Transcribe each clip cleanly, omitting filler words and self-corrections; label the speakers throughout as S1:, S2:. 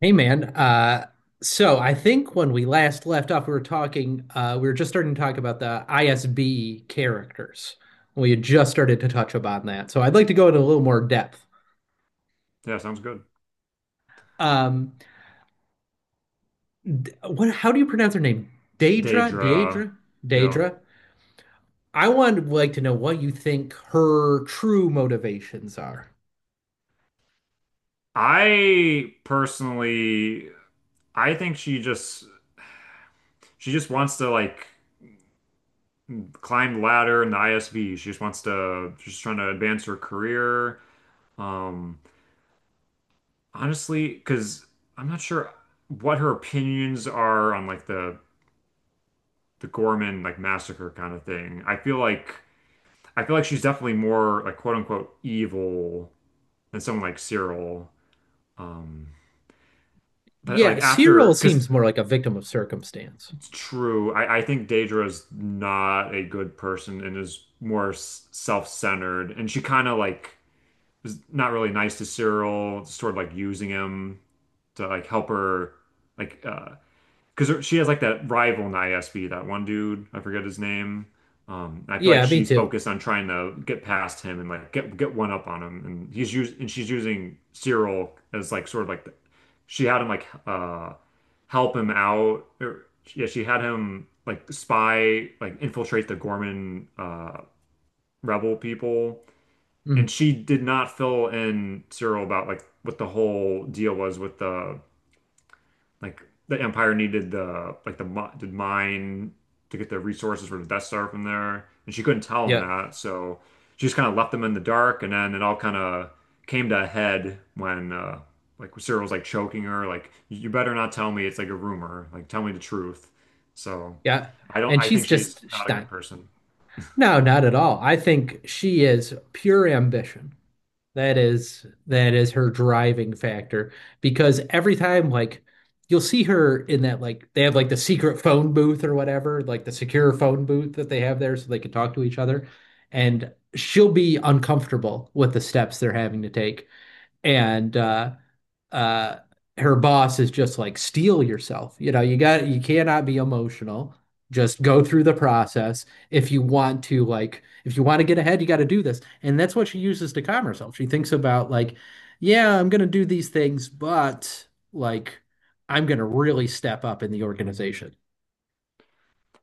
S1: Hey man, so I think when we last left off, we were talking, we were just starting to talk about the ISB characters. We had just started to touch upon that, so I'd like to go into a little more depth.
S2: Yeah, sounds good.
S1: Um, what? How do you pronounce her name? Daedra,
S2: Daedra.
S1: Daedra,
S2: Yeah.
S1: Daedra. I would like to know what you think her true motivations are.
S2: I personally I think she just wants to like climb the ladder in the ISB. She's trying to advance her career. Um Honestly, because I'm not sure what her opinions are on like the Gorman like massacre kind of thing. I feel like she's definitely more like quote unquote evil than someone like Cyril. Um but
S1: Yeah,
S2: like after
S1: Cyril
S2: because.
S1: seems more like a victim of circumstance.
S2: It's true. I think Daedra's not a good person and is more self-centered. And she kind of like is not really nice to Cyril, sort of like using him to like help her like because she has like that rival in ISB, that one dude, I forget his name. I feel like
S1: Yeah, me
S2: she's
S1: too.
S2: focused on trying to get past him and like get one up on him, and he's using and she's using Cyril as like sort of like the, she had him like help him out, or yeah, she had him like spy like infiltrate the Gorman rebel people,
S1: Mm,
S2: and she did not fill in Cyril about like what the whole deal was with the like the Empire needed the like the mine to get the resources for the Death Star from there, and she couldn't tell him
S1: yeah,
S2: that, so she just kind of left them in the dark. And then it all kind of came to a head when like Cyril's like choking her, like you better not tell me it's like a rumor, like tell me the truth. So
S1: yeah, and
S2: I think
S1: she's
S2: she's
S1: just she's
S2: not a
S1: not.
S2: good person.
S1: No, not at all. I think she is pure ambition. That is her driving factor because every time, like, you'll see her in that, like, they have like the secret phone booth or whatever, like the secure phone booth that they have there so they can talk to each other, and she'll be uncomfortable with the steps they're having to take. And uh her boss is just like, steel yourself, you know, you got, you cannot be emotional, just go through the process. If you want to, like, if you want to get ahead, you got to do this. And that's what she uses to calm herself. She thinks about, like, yeah, I'm gonna do these things, but, like, I'm gonna really step up in the organization.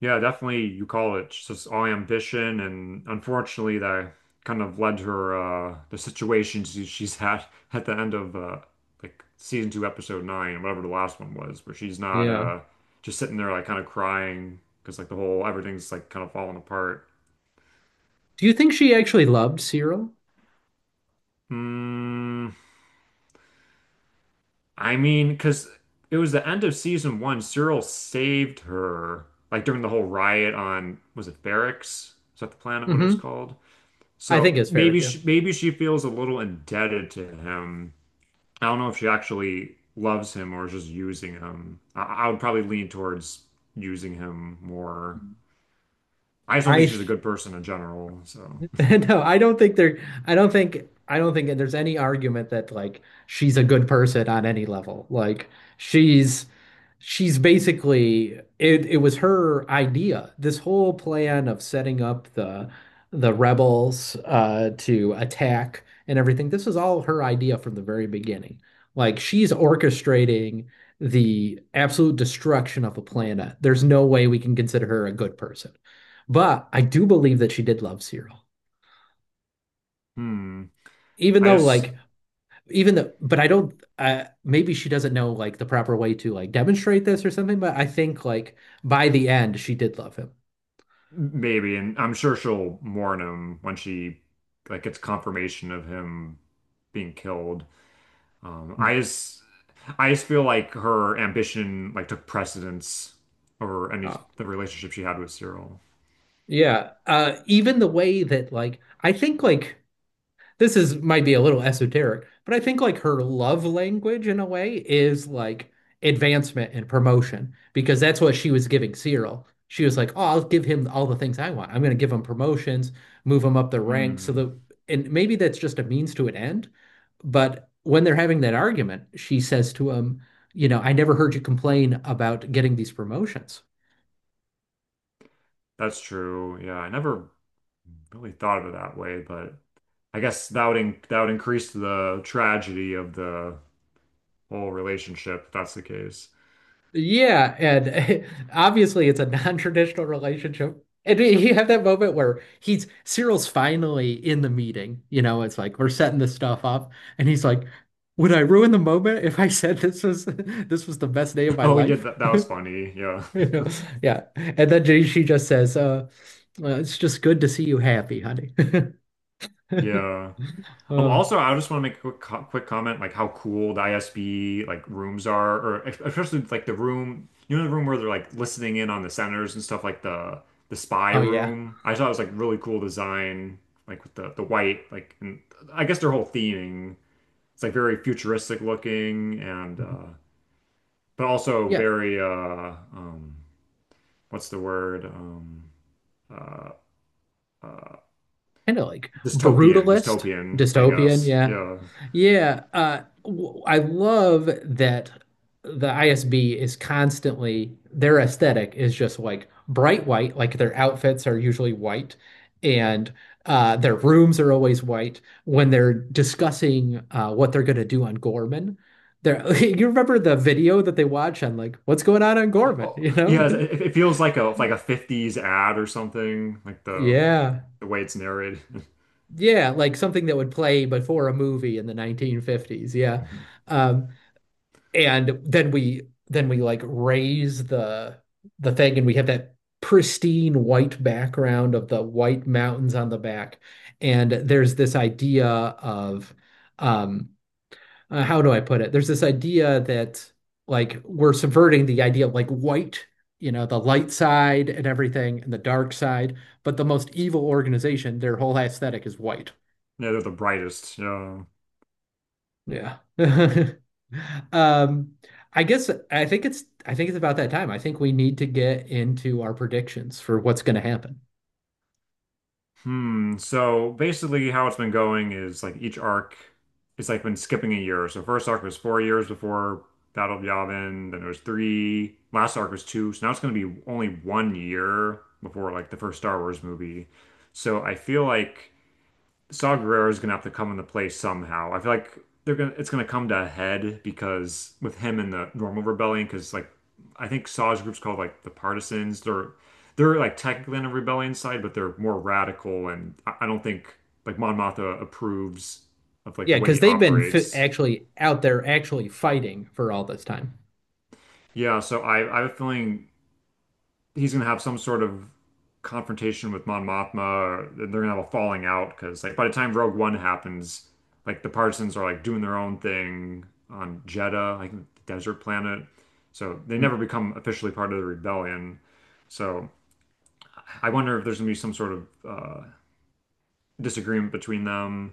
S2: Yeah, definitely you call it. She's just all ambition, and unfortunately, that kind of led her the situation she's had at the end of like season two, episode nine, whatever the last one was, where she's not
S1: Yeah,
S2: just sitting there like kind of crying because like the whole everything's like kind of falling apart.
S1: do you think she actually loved Cyril?
S2: Mm, I mean, because it was the end of season one. Cyril saved her like during the whole riot on was it Barracks? Is that the planet? What it was
S1: Hmm,
S2: called?
S1: I
S2: So
S1: think it's fair,
S2: maybe
S1: yeah.
S2: she, maybe she feels a little indebted to him. I don't know if she actually loves him or is just using him. I would probably lean towards using him more. I just don't think
S1: I
S2: she's a good person in general. So,
S1: no, I don't think there. I don't think there's any argument that, like, she's a good person on any level. She's she's basically it. It was her idea. This whole plan of setting up the rebels, to attack and everything. This was all her idea from the very beginning. Like, she's orchestrating the absolute destruction of the planet. There's no way we can consider her a good person. But I do believe that she did love Cyril,
S2: hmm.
S1: even
S2: I
S1: though,
S2: just
S1: like, even though, but I don't, maybe she doesn't know, like, the proper way to, like, demonstrate this or something. But I think like by the end she did love him.
S2: Maybe, and I'm sure she'll mourn him when she like gets confirmation of him being killed. Um,
S1: Hmm.
S2: I just I just feel like her ambition like took precedence over any
S1: Oh.
S2: the relationship she had with Cyril.
S1: Yeah. Uh, even the way that, like, I think, like, this is, might be a little esoteric, but I think, like, her love language in a way is, like, advancement and promotion, because that's what she was giving Cyril. She was like, "Oh, I'll give him all the things I want. I'm going to give him promotions, move him up the ranks." So
S2: Mm,
S1: the, and maybe that's just a means to an end, but when they're having that argument, she says to him, "You know, I never heard you complain about getting these promotions."
S2: that's true. Yeah, I never really thought of it that way, but I guess that would in that would increase the tragedy of the whole relationship if that's the case.
S1: Yeah, and obviously it's a non-traditional relationship. And you have that moment where he's Cyril's finally in the meeting. You know, it's like we're setting this stuff up, and he's like, "Would I ruin the moment if I said this was this was the best day of my
S2: Oh yeah,
S1: life?"
S2: that was funny. Yeah,
S1: You know, yeah. And then she just says, well, it's just good to see you happy, honey."
S2: yeah.
S1: Uh,
S2: Also, I just want to make a quick comment, like how cool the ISB like rooms are, or especially like the room. You know the room where they're like listening in on the senators and stuff, like the spy
S1: oh yeah,
S2: room. I thought it was like really cool design, like with the white, like, and I guess their whole theming. It's like very futuristic looking and but also
S1: yeah.
S2: very what's the word? Uh
S1: Kind of like
S2: Dystopian,
S1: brutalist,
S2: dystopian, I
S1: dystopian,
S2: guess.
S1: yeah.
S2: Yeah.
S1: Yeah, I love that the ISB is constantly, their aesthetic is just like bright white, like their outfits are usually white. And their rooms are always white when they're discussing what they're going to do on Gorman. There you remember the video that they watch on, like, what's going on Gorman,
S2: Oh,
S1: you know?
S2: yeah, it feels like a 50s ad or something, like the
S1: Yeah.
S2: the way it's narrated.
S1: Yeah, like something that would play before a movie in the 1950s. Yeah. Um, and then we, then we, like, raise the thing, and we have that pristine white background of the white mountains on the back. And there's this idea of um how do I put it? There's this idea that, like, we're subverting the idea of, like, white, you know, the light side and everything and the dark side, but the most evil organization, their whole aesthetic is white.
S2: Yeah, they're the brightest. Yeah.
S1: Yeah. Um, I guess I think it's about that time. I think we need to get into our predictions for what's going to happen.
S2: Hmm. So basically, how it's been going is like each arc, it's like been skipping a year. So first arc was 4 years before Battle of Yavin. Then it was three. Last arc was two. So now it's going to be only 1 year before like the first Star Wars movie. So I feel like Saw Guerrero is gonna have to come into play somehow. I feel like they're gonna it's gonna come to a head because with him and the normal rebellion, because like I think Saw's group's called like the Partisans. They're like technically on a rebellion side, but they're more radical, and I don't think like Mon Mothma approves of like
S1: Yeah,
S2: the way
S1: because
S2: he
S1: they've been fi
S2: operates.
S1: actually out there actually fighting for all this time.
S2: Yeah, so I have a feeling he's gonna have some sort of confrontation with Mon Mothma, or they're gonna have a falling out because like by the time Rogue One happens, like the Partisans are like doing their own thing on Jedha, like the desert planet. So they
S1: Mm.
S2: never become officially part of the rebellion. So I wonder if there's gonna be some sort of disagreement between them,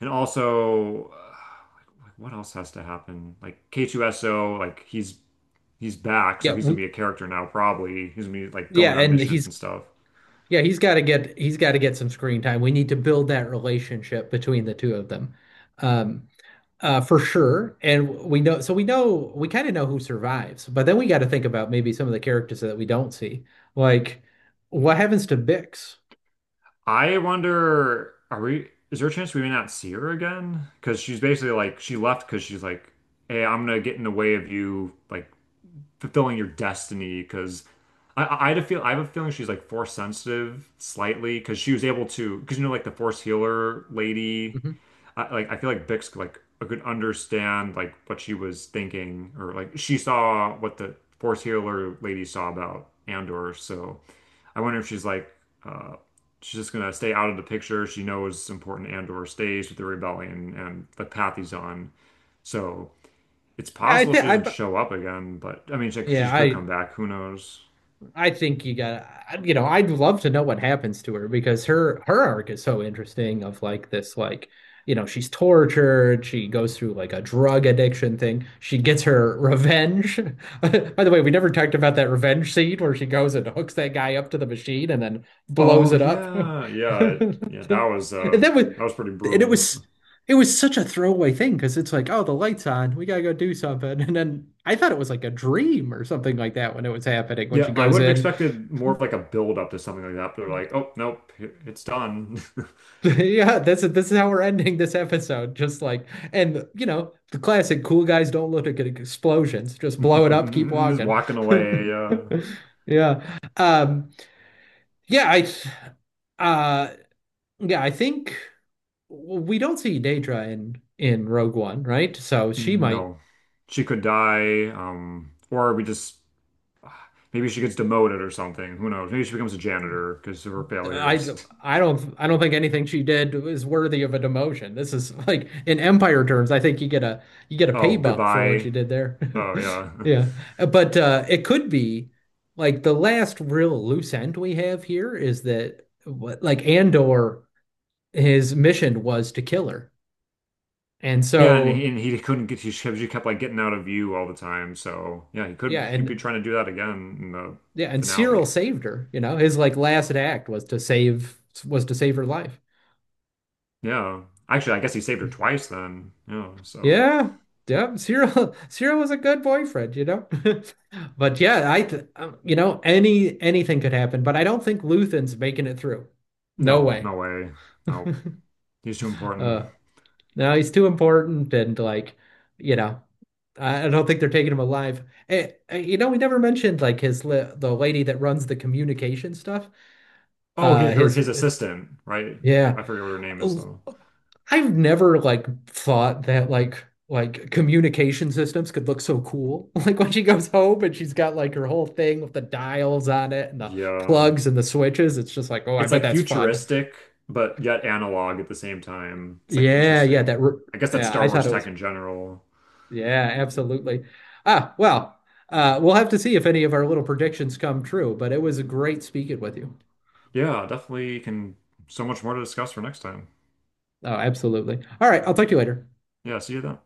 S2: and also what else has to happen? Like K2SO, like he's back, so
S1: Yeah,
S2: he's gonna
S1: we,
S2: be a character now. Probably he's gonna be like
S1: yeah,
S2: going on
S1: and
S2: missions
S1: he's
S2: and stuff.
S1: yeah, he's got to get some screen time. We need to build that relationship between the two of them. Um, Uh, for sure. And we know, so we know, we kind of know who survives, but then we got to think about maybe some of the characters that we don't see. Like, what happens to Bix?
S2: I wonder, is there a chance we may not see her again? Because she's basically like, she left because she's like, hey, I'm gonna get in the way of you, like, fulfilling your destiny. Because I had a I have a feeling she's like force sensitive slightly because she was able to, because you know, like the force healer lady,
S1: Mhm.
S2: I, like, I feel like Bix could, like, could understand, like, what she was thinking, or like, she saw what the force healer lady saw about Andor. So, I wonder if she's like uh, she's just gonna stay out of the picture. She knows it's important Andor stays with the rebellion and the path he's on. So it's
S1: Yeah, I
S2: possible
S1: think
S2: she doesn't
S1: I,
S2: show up again, but I mean, she
S1: yeah,
S2: could come back. Who knows?
S1: I think you know, I'd love to know what happens to her because her arc is so interesting of, like, this, like, you know, she's tortured, she goes through like a drug addiction thing. She gets her revenge. By the way, we never talked about that revenge scene where she goes and hooks that guy up to the machine and then blows
S2: Oh
S1: it up.
S2: yeah, yeah, yeah.
S1: And that was,
S2: That was pretty
S1: and
S2: brutal.
S1: it was such a throwaway thing because it's like, oh, the light's on, we gotta go do something. And then I thought it was like a dream or something like that when it was happening, when she
S2: Yeah, I
S1: goes
S2: would have
S1: in.
S2: expected more of like a build up to something like that, but they're like, oh nope, it's done.
S1: Yeah, this is, this is how we're ending this episode. Just like, and you know, the classic cool guys don't look at explosions. Just blow it up, keep
S2: Just
S1: walking.
S2: walking away.
S1: Yeah. Um, yeah, I uh yeah, I think we don't see Daedra in Rogue One, right? So she might,
S2: No, she could die, or we just maybe she gets demoted or something. Who knows? Maybe she becomes a janitor because of her
S1: I
S2: failures.
S1: I don't, I don't think anything she did is worthy of a demotion. This is like in Empire terms, I think you get a, you get a pay
S2: Oh,
S1: bump for what
S2: goodbye.
S1: you did there.
S2: Oh, yeah.
S1: Yeah. But it could be, like, the last real loose end we have here is that what, like, Andor, his mission was to kill her. And
S2: Yeah,
S1: so
S2: and he couldn't he kept like getting out of view all the time. So, yeah, he could,
S1: yeah,
S2: he could be
S1: and
S2: trying to do that again in the
S1: yeah, and Cyril
S2: finale.
S1: saved her, you know. His like last act was to save, was to save her life.
S2: Yeah. Actually, I guess he saved her twice then. Yeah, so.
S1: Yeah, yeah. Cyril, Cyril was a good boyfriend, you know. But yeah, I, th you know, anything could happen. But I don't think Luthen's making it through. No
S2: No,
S1: way.
S2: no way. No, he's too important.
S1: Uh, no, he's too important, and, like, you know, I don't think they're taking him alive. You know, we never mentioned, like, his li the lady that runs the communication stuff.
S2: Oh,
S1: Uh, his,
S2: his
S1: eh,
S2: assistant, right?
S1: yeah.
S2: I forget what her name is though.
S1: I've never, like, thought that, like, communication systems could look so cool. Like when she goes home and she's got like her whole thing with the dials on it and the
S2: Yeah,
S1: plugs and the switches, it's just like, oh, I
S2: it's
S1: bet
S2: like
S1: that's fun.
S2: futuristic, but yet analog at the same time. It's like an
S1: Yeah, yeah,
S2: interesting, I guess that's
S1: yeah, I
S2: Star
S1: thought
S2: Wars
S1: it
S2: tech
S1: was,
S2: in general.
S1: yeah, absolutely. Ah, well, uh, we'll have to see if any of our little predictions come true, but it was great speaking with you.
S2: Yeah, definitely can so much more to discuss for next time.
S1: Oh, absolutely. All right, I'll talk to you later.
S2: Yeah, see you then.